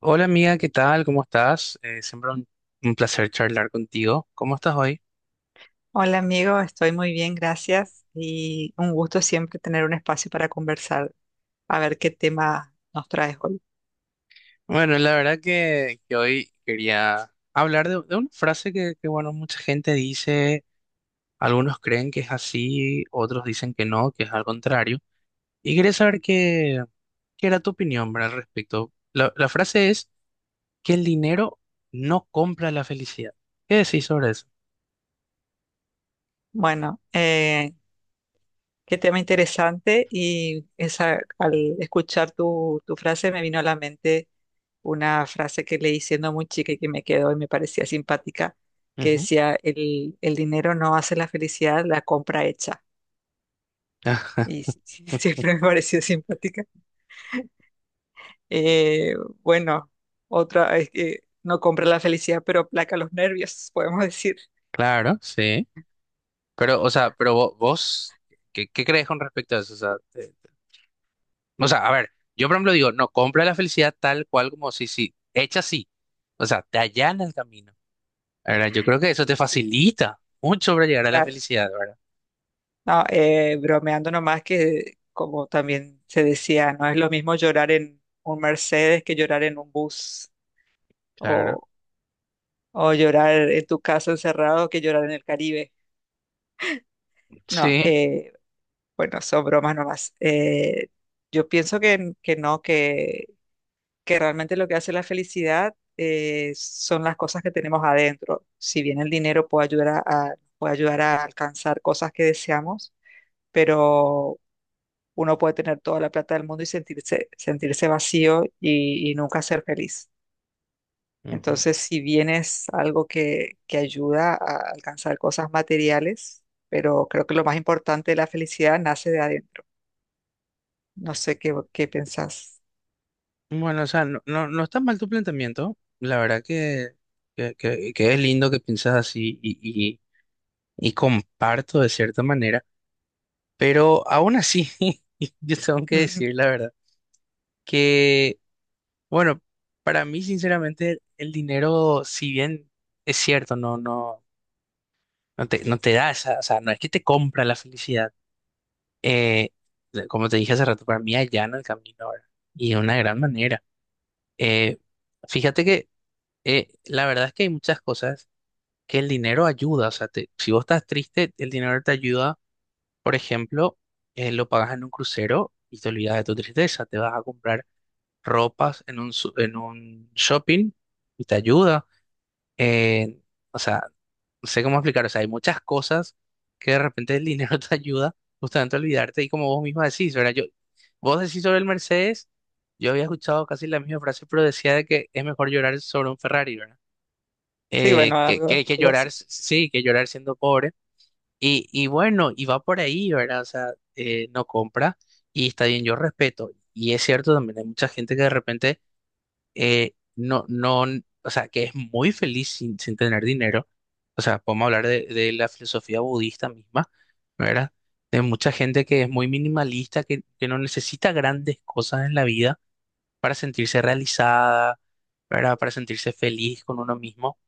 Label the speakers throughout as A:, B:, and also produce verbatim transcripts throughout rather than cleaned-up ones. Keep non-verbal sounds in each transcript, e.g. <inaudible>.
A: Hola amiga, ¿qué tal? ¿Cómo estás? Eh, siempre un, un placer charlar contigo. ¿Cómo estás hoy?
B: Hola amigo, estoy muy bien, gracias. Y un gusto siempre tener un espacio para conversar, a ver qué tema nos traes hoy.
A: Bueno, la verdad que, que hoy quería hablar de, de una frase que, que, bueno, mucha gente dice, algunos creen que es así, otros dicen que no, que es al contrario. Y quería saber qué, qué era tu opinión, ¿verdad?, al respecto. La, la frase es que el dinero no compra la felicidad. ¿Qué decís sobre eso?
B: Bueno, eh, qué tema interesante y esa, al escuchar tu, tu frase me vino a la mente una frase que leí siendo muy chica y que me quedó y me parecía simpática, que
A: Ujú.
B: decía, el, el dinero no hace la felicidad, la compra hecha.
A: <laughs>
B: Y sí, sí, <laughs> siempre me pareció simpática. Eh, bueno, otra es que no compra la felicidad, pero aplaca los nervios, <laughs> podemos decir.
A: Claro, sí. Pero, o sea, pero vo- vos, ¿qué, ¿qué crees con respecto a eso? O sea, eh, o sea, a ver, yo por ejemplo digo, no, compra la felicidad tal cual como si, si, hecha así. O sea, te allana el camino, ¿verdad? Yo creo que eso te
B: Sí,
A: facilita mucho para llegar a la
B: claro.
A: felicidad, ¿verdad?
B: No, eh, bromeando nomás que, como también se decía, no es lo mismo llorar en un Mercedes que llorar en un bus
A: Claro.
B: o, o llorar en tu casa encerrado que llorar en el Caribe. No,
A: Sí.
B: eh, bueno, son bromas nomás. Eh, yo pienso que, que no, que que realmente lo que hace la felicidad eh, son las cosas que tenemos adentro. Si bien el dinero puede ayudar a, a- puede ayudar a alcanzar cosas que deseamos, pero uno puede tener toda la plata del mundo y sentirse, sentirse vacío y, y nunca ser feliz.
A: Ujú.
B: Entonces, si bien es algo que, que ayuda a alcanzar cosas materiales, pero creo que lo más importante de la felicidad nace de adentro. No sé qué, qué pensás.
A: Bueno, o sea, no, no, no está mal tu planteamiento. La verdad que, que, que- que es lindo que piensas así y, y, y comparto de cierta manera. Pero aún así, <laughs> yo tengo que
B: Mm, mm.
A: decir la verdad, que Bueno, para mí, sinceramente, el dinero, si bien es cierto, no, no, no te, no te da esa, o sea, no es que te compra la felicidad. Eh, como te dije hace rato, para mí allana el camino ahora. Y de una gran manera. Eh, fíjate que eh, la verdad es que hay muchas cosas que el dinero ayuda. O sea, te- si vos estás triste, el dinero te ayuda. Por ejemplo, eh, lo pagas en un crucero y te olvidas de tu tristeza. Te vas a comprar ropas en un, su- en un shopping y te ayuda. eh, o sea, no sé cómo explicar, o sea, hay muchas cosas que de repente el dinero <laughs> te ayuda justamente a olvidarte y como vos misma decís, ¿verdad? Yo, vos decís sobre el Mercedes, yo había escuchado casi la misma frase, pero decía de que es mejor llorar sobre un Ferrari, ¿verdad?
B: Sí,
A: Eh,
B: bueno,
A: que,
B: algo,
A: que, que
B: algo
A: llorar,
B: así.
A: s- sí, que llorar siendo pobre. Y, y bueno, y va por ahí, ¿verdad? O sea, eh, no compra y está bien, yo respeto. Y es cierto también, hay mucha gente que de repente eh, no, no, o sea, que es muy feliz sin, sin tener dinero. O sea, podemos hablar de, de la filosofía budista misma, ¿verdad? De mucha gente que es muy minimalista, que, que no necesita grandes cosas en la vida para sentirse realizada, ¿verdad? Para sentirse feliz con uno mismo.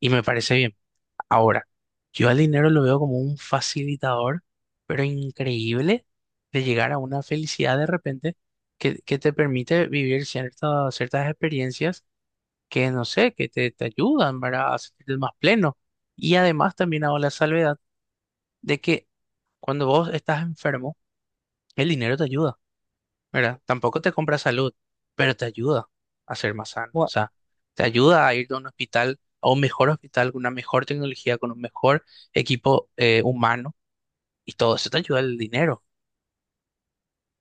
A: Y me parece bien. Ahora, yo al dinero lo veo como un facilitador, pero increíble de llegar a una felicidad de repente que, que te permite vivir cierta- ciertas experiencias que no sé, que te, te ayudan, ¿verdad?, a sentirte más pleno. Y además también hago la salvedad de que cuando vos estás enfermo, el dinero te ayuda, ¿verdad? Tampoco te compra salud, pero te ayuda a ser más sano. O sea, te ayuda a ir a un hospital, a un mejor hospital, con una mejor tecnología, con un mejor equipo eh, humano. Y todo eso te ayuda el dinero.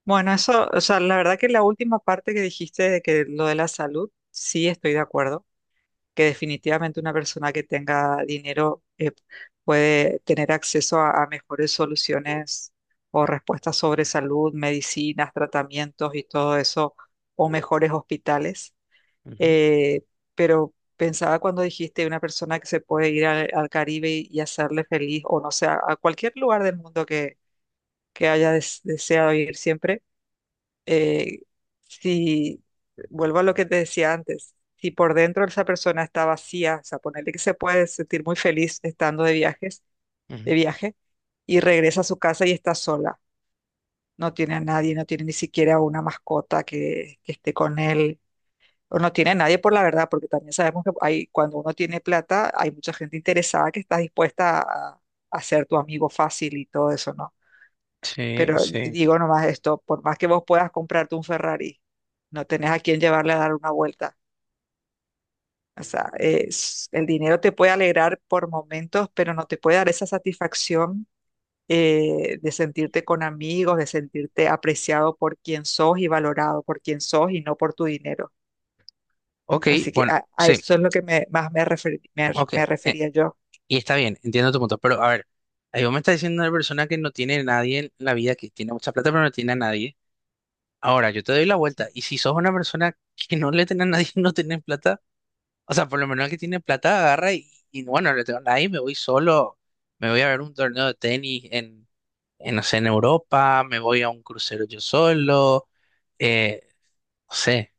B: Bueno, eso, o sea, la verdad que la última parte que dijiste de que lo de la salud, sí estoy de acuerdo, que definitivamente una persona que tenga dinero eh, puede tener acceso a, a mejores soluciones o respuestas sobre salud, medicinas, tratamientos y todo eso, o mejores hospitales.
A: Ujú,
B: Eh, pero pensaba cuando dijiste una persona que se puede ir al, al Caribe y, y hacerle feliz, o no sé, a, a cualquier lugar del mundo que, que haya des- deseado ir siempre eh, si, vuelvo a lo que te decía antes, si por dentro esa persona está vacía, o sea, ponerle que se puede sentir muy feliz estando de viajes, de
A: ujú.
B: viaje, y regresa a su casa y está sola, no tiene a nadie, no tiene ni siquiera una mascota que, que esté con él, o no tiene a nadie por la verdad, porque también sabemos que hay, cuando uno tiene plata, hay mucha gente interesada que está dispuesta a, a ser tu amigo fácil y todo eso, ¿no?
A: Sí,
B: Pero d-
A: sí.
B: digo nomás esto, por más que vos puedas comprarte un Ferrari, no tenés a quién llevarle a dar una vuelta. O sea, es- el dinero te puede alegrar por momentos, pero no te puede dar esa satisfacción eh, de sentirte con amigos, de sentirte apreciado por quien sos y valorado por quien sos y no por tu dinero.
A: Ok,
B: Así que
A: bueno,
B: a, a
A: sí,
B: eso es lo que me, más me, refer- me,
A: ok.
B: me
A: Eh,
B: refería yo.
A: Y está bien, entiendo tu punto, pero a ver, ahí vos me estás diciendo una persona que no tiene a nadie en la vida, que tiene mucha plata pero no tiene a nadie. Ahora, yo te doy la vuelta,
B: Sí.
A: y si sos una persona que no le tiene a nadie, <laughs> no tenés plata, o sea, por lo menos el que tiene plata agarra y, y bueno, no le tengo a nadie, me voy solo, me voy a ver un torneo de tenis en, en, no sé, en Europa, me voy a un crucero yo solo, eh, no sé,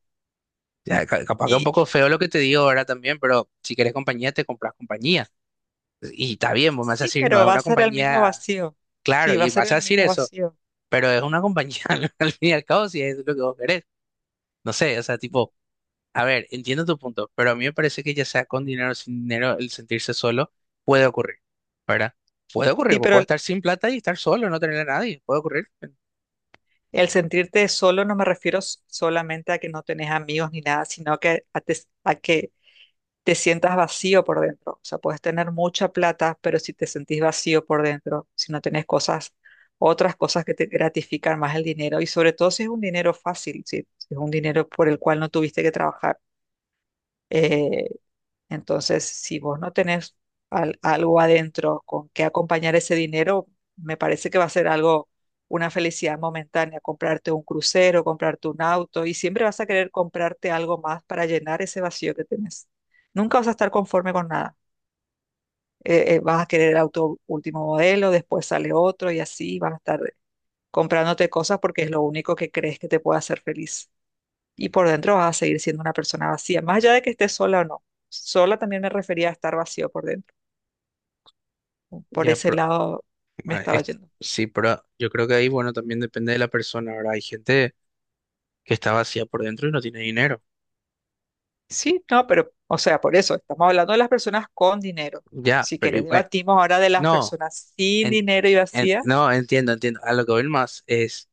A: ya, ca- capaz que es un
B: Y
A: poco feo lo que te digo ahora también, pero si querés compañía, te compras compañía. Y está bien, vos me vas a
B: sí,
A: decir, no es
B: pero va a
A: una
B: ser el mismo
A: compañía.
B: vacío.
A: Claro,
B: Sí, va a
A: y
B: ser
A: vas a
B: el
A: decir
B: mismo
A: eso,
B: vacío.
A: pero es una compañía, <laughs> al fin y al cabo, si es lo que vos querés. No sé, o sea, tipo, a ver, entiendo tu punto, pero a mí me parece que ya sea con dinero o sin dinero, el sentirse solo puede ocurrir, ¿verdad? Puede ocurrir,
B: Sí,
A: vos
B: pero
A: podés estar sin plata y estar solo, no tener a nadie, puede ocurrir.
B: el sentirte solo no me refiero s- solamente a que no tenés amigos ni nada, sino que a, te- a que te sientas vacío por dentro. O sea, puedes tener mucha plata, pero si te sentís vacío por dentro, si no tenés cosas, otras cosas que te gratifican más el dinero, y sobre todo si es un dinero fácil, si, si es un dinero por el cual no tuviste que trabajar. Eh, entonces, si vos no tenés al- algo adentro con qué acompañar ese dinero, me parece que va a ser algo, una felicidad momentánea, comprarte un crucero, comprarte un auto, y siempre vas a querer comprarte algo más para llenar ese vacío que tenés. Nunca vas a estar conforme con nada. Eh, eh, vas a querer el auto último modelo, después sale otro y así vas a estar comprándote cosas porque es lo único que crees que te puede hacer feliz y por dentro vas a seguir siendo una persona vacía, más allá de que estés sola o no. Sola también me refería a estar vacío por dentro. Por
A: Ya,
B: ese
A: pero,
B: lado me
A: ah,
B: estaba
A: es-
B: yendo.
A: sí, pero yo creo que ahí, bueno, también depende de la persona, ¿verdad? Hay gente que está vacía por dentro y no tiene dinero.
B: Sí, no, pero, o sea, por eso, estamos hablando de las personas con dinero.
A: Ya,
B: Si
A: pero
B: quieres,
A: igual,
B: debatimos ahora de las
A: no,
B: personas sin
A: en-
B: dinero y
A: en-
B: vacía.
A: no, entiendo, entiendo. A lo que voy más es,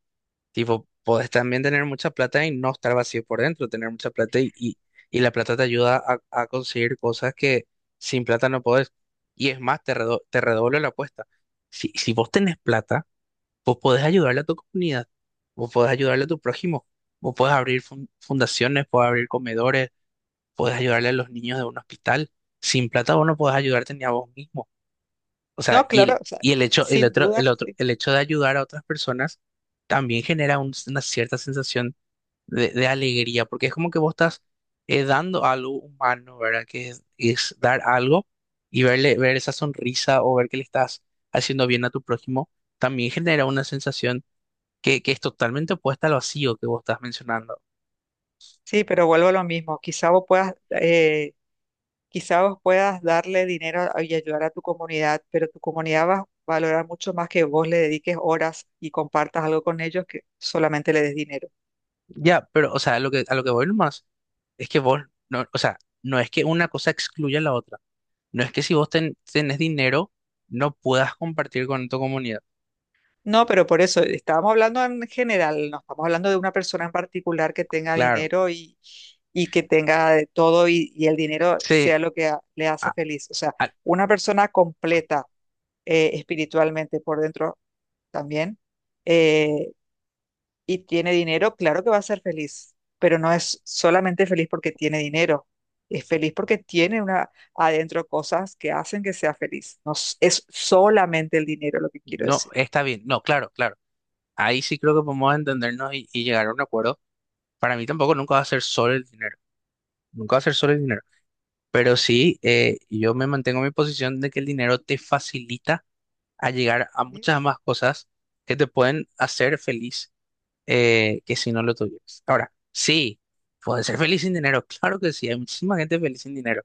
A: tipo, podés también tener mucha plata y no estar vacío por dentro, tener mucha plata y, y, y la plata te ayuda a, a conseguir cosas que sin plata no podés. Y es más, te, redo- te redoblo la apuesta. Si, si vos tenés plata, vos podés ayudarle a tu comunidad, vos podés ayudarle a tu prójimo, vos podés abrir fun- fundaciones, podés abrir comedores, podés ayudarle a los niños de un hospital. Sin plata vos no podés ayudarte ni a vos mismo. O
B: No,
A: sea, y
B: claro,
A: el,
B: o sea,
A: y el hecho, el
B: sin
A: otro,
B: duda
A: el
B: que
A: otro,
B: sí.
A: el hecho de ayudar a otras personas también genera un- una cierta sensación de, de alegría, porque es como que vos estás eh, dando algo humano, ¿verdad? Que es, es dar algo y verle, ver esa sonrisa o ver que le estás haciendo bien a tu prójimo, también genera una sensación que, que es totalmente opuesta al vacío que vos estás mencionando.
B: Sí, pero vuelvo a lo mismo. Quizá vos puedas eh, quizás vos puedas darle dinero a- y ayudar a tu comunidad, pero tu comunidad va a valorar mucho más que vos le dediques horas y compartas algo con ellos que solamente le des dinero.
A: Ya, pero, o sea, a lo que, a lo que voy nomás es que vos, no, o sea, no es que una cosa excluya a la otra. No es que si vos ten- tenés dinero, no puedas compartir con tu comunidad.
B: No, pero por eso estábamos hablando en general, no estamos hablando de una persona en particular que tenga
A: Claro,
B: dinero y, y que tenga de todo y, y el dinero
A: sí,
B: sea lo que a- le hace
A: a-
B: feliz. O sea,
A: a-
B: una persona completa eh, espiritualmente por dentro también. eh, y tiene dinero, claro que va a ser feliz, pero no es solamente feliz porque tiene dinero, es feliz porque tiene una, adentro cosas que hacen que sea feliz. No s- es solamente el dinero lo que quiero
A: no,
B: decir.
A: está bien, no, claro, claro. Ahí sí creo que podemos entendernos y, y llegar a un acuerdo. Para mí tampoco nunca va a ser solo el dinero, nunca va a ser solo el dinero. Pero sí, eh, yo me mantengo en mi posición de que el dinero te facilita a llegar a
B: ¿Sí?
A: muchas más cosas que te pueden hacer feliz eh, que si no lo tuvieras. Ahora, sí, puedes ser feliz sin dinero, claro que sí, hay muchísima gente feliz sin dinero,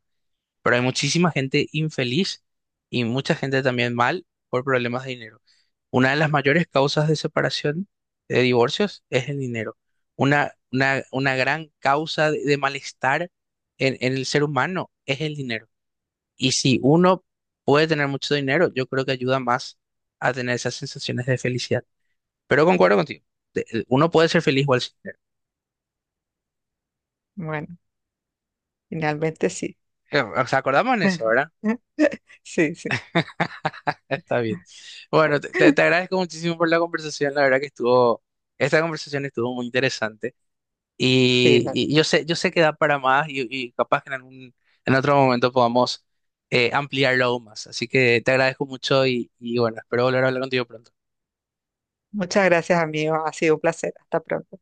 A: pero hay muchísima gente infeliz y mucha gente también mal por problemas de dinero. Una de las mayores causas de separación, de divorcios, es el dinero. Una, una, una gran causa de, de malestar en, en el ser humano es el dinero. Y si uno puede tener mucho dinero, yo creo que ayuda más a tener esas sensaciones de felicidad. Pero concuerdo contigo, de- uno puede ser feliz igual sin dinero.
B: Bueno, finalmente sí.
A: Eh, O sea, acordamos en eso,
B: <laughs>
A: ¿verdad?
B: Sí, sí.
A: Está bien. Bueno, te, te- te
B: <laughs>
A: agradezco muchísimo por la conversación. La verdad que estuvo, esta conversación estuvo muy interesante.
B: Sí,
A: Y,
B: la-
A: y yo sé, yo sé que da para más y, y capaz que en algún, en otro momento podamos eh, ampliarlo aún más. Así que te agradezco mucho y, y bueno, espero volver a hablar contigo pronto.
B: muchas gracias, amigo. Ha sido un placer. Hasta pronto.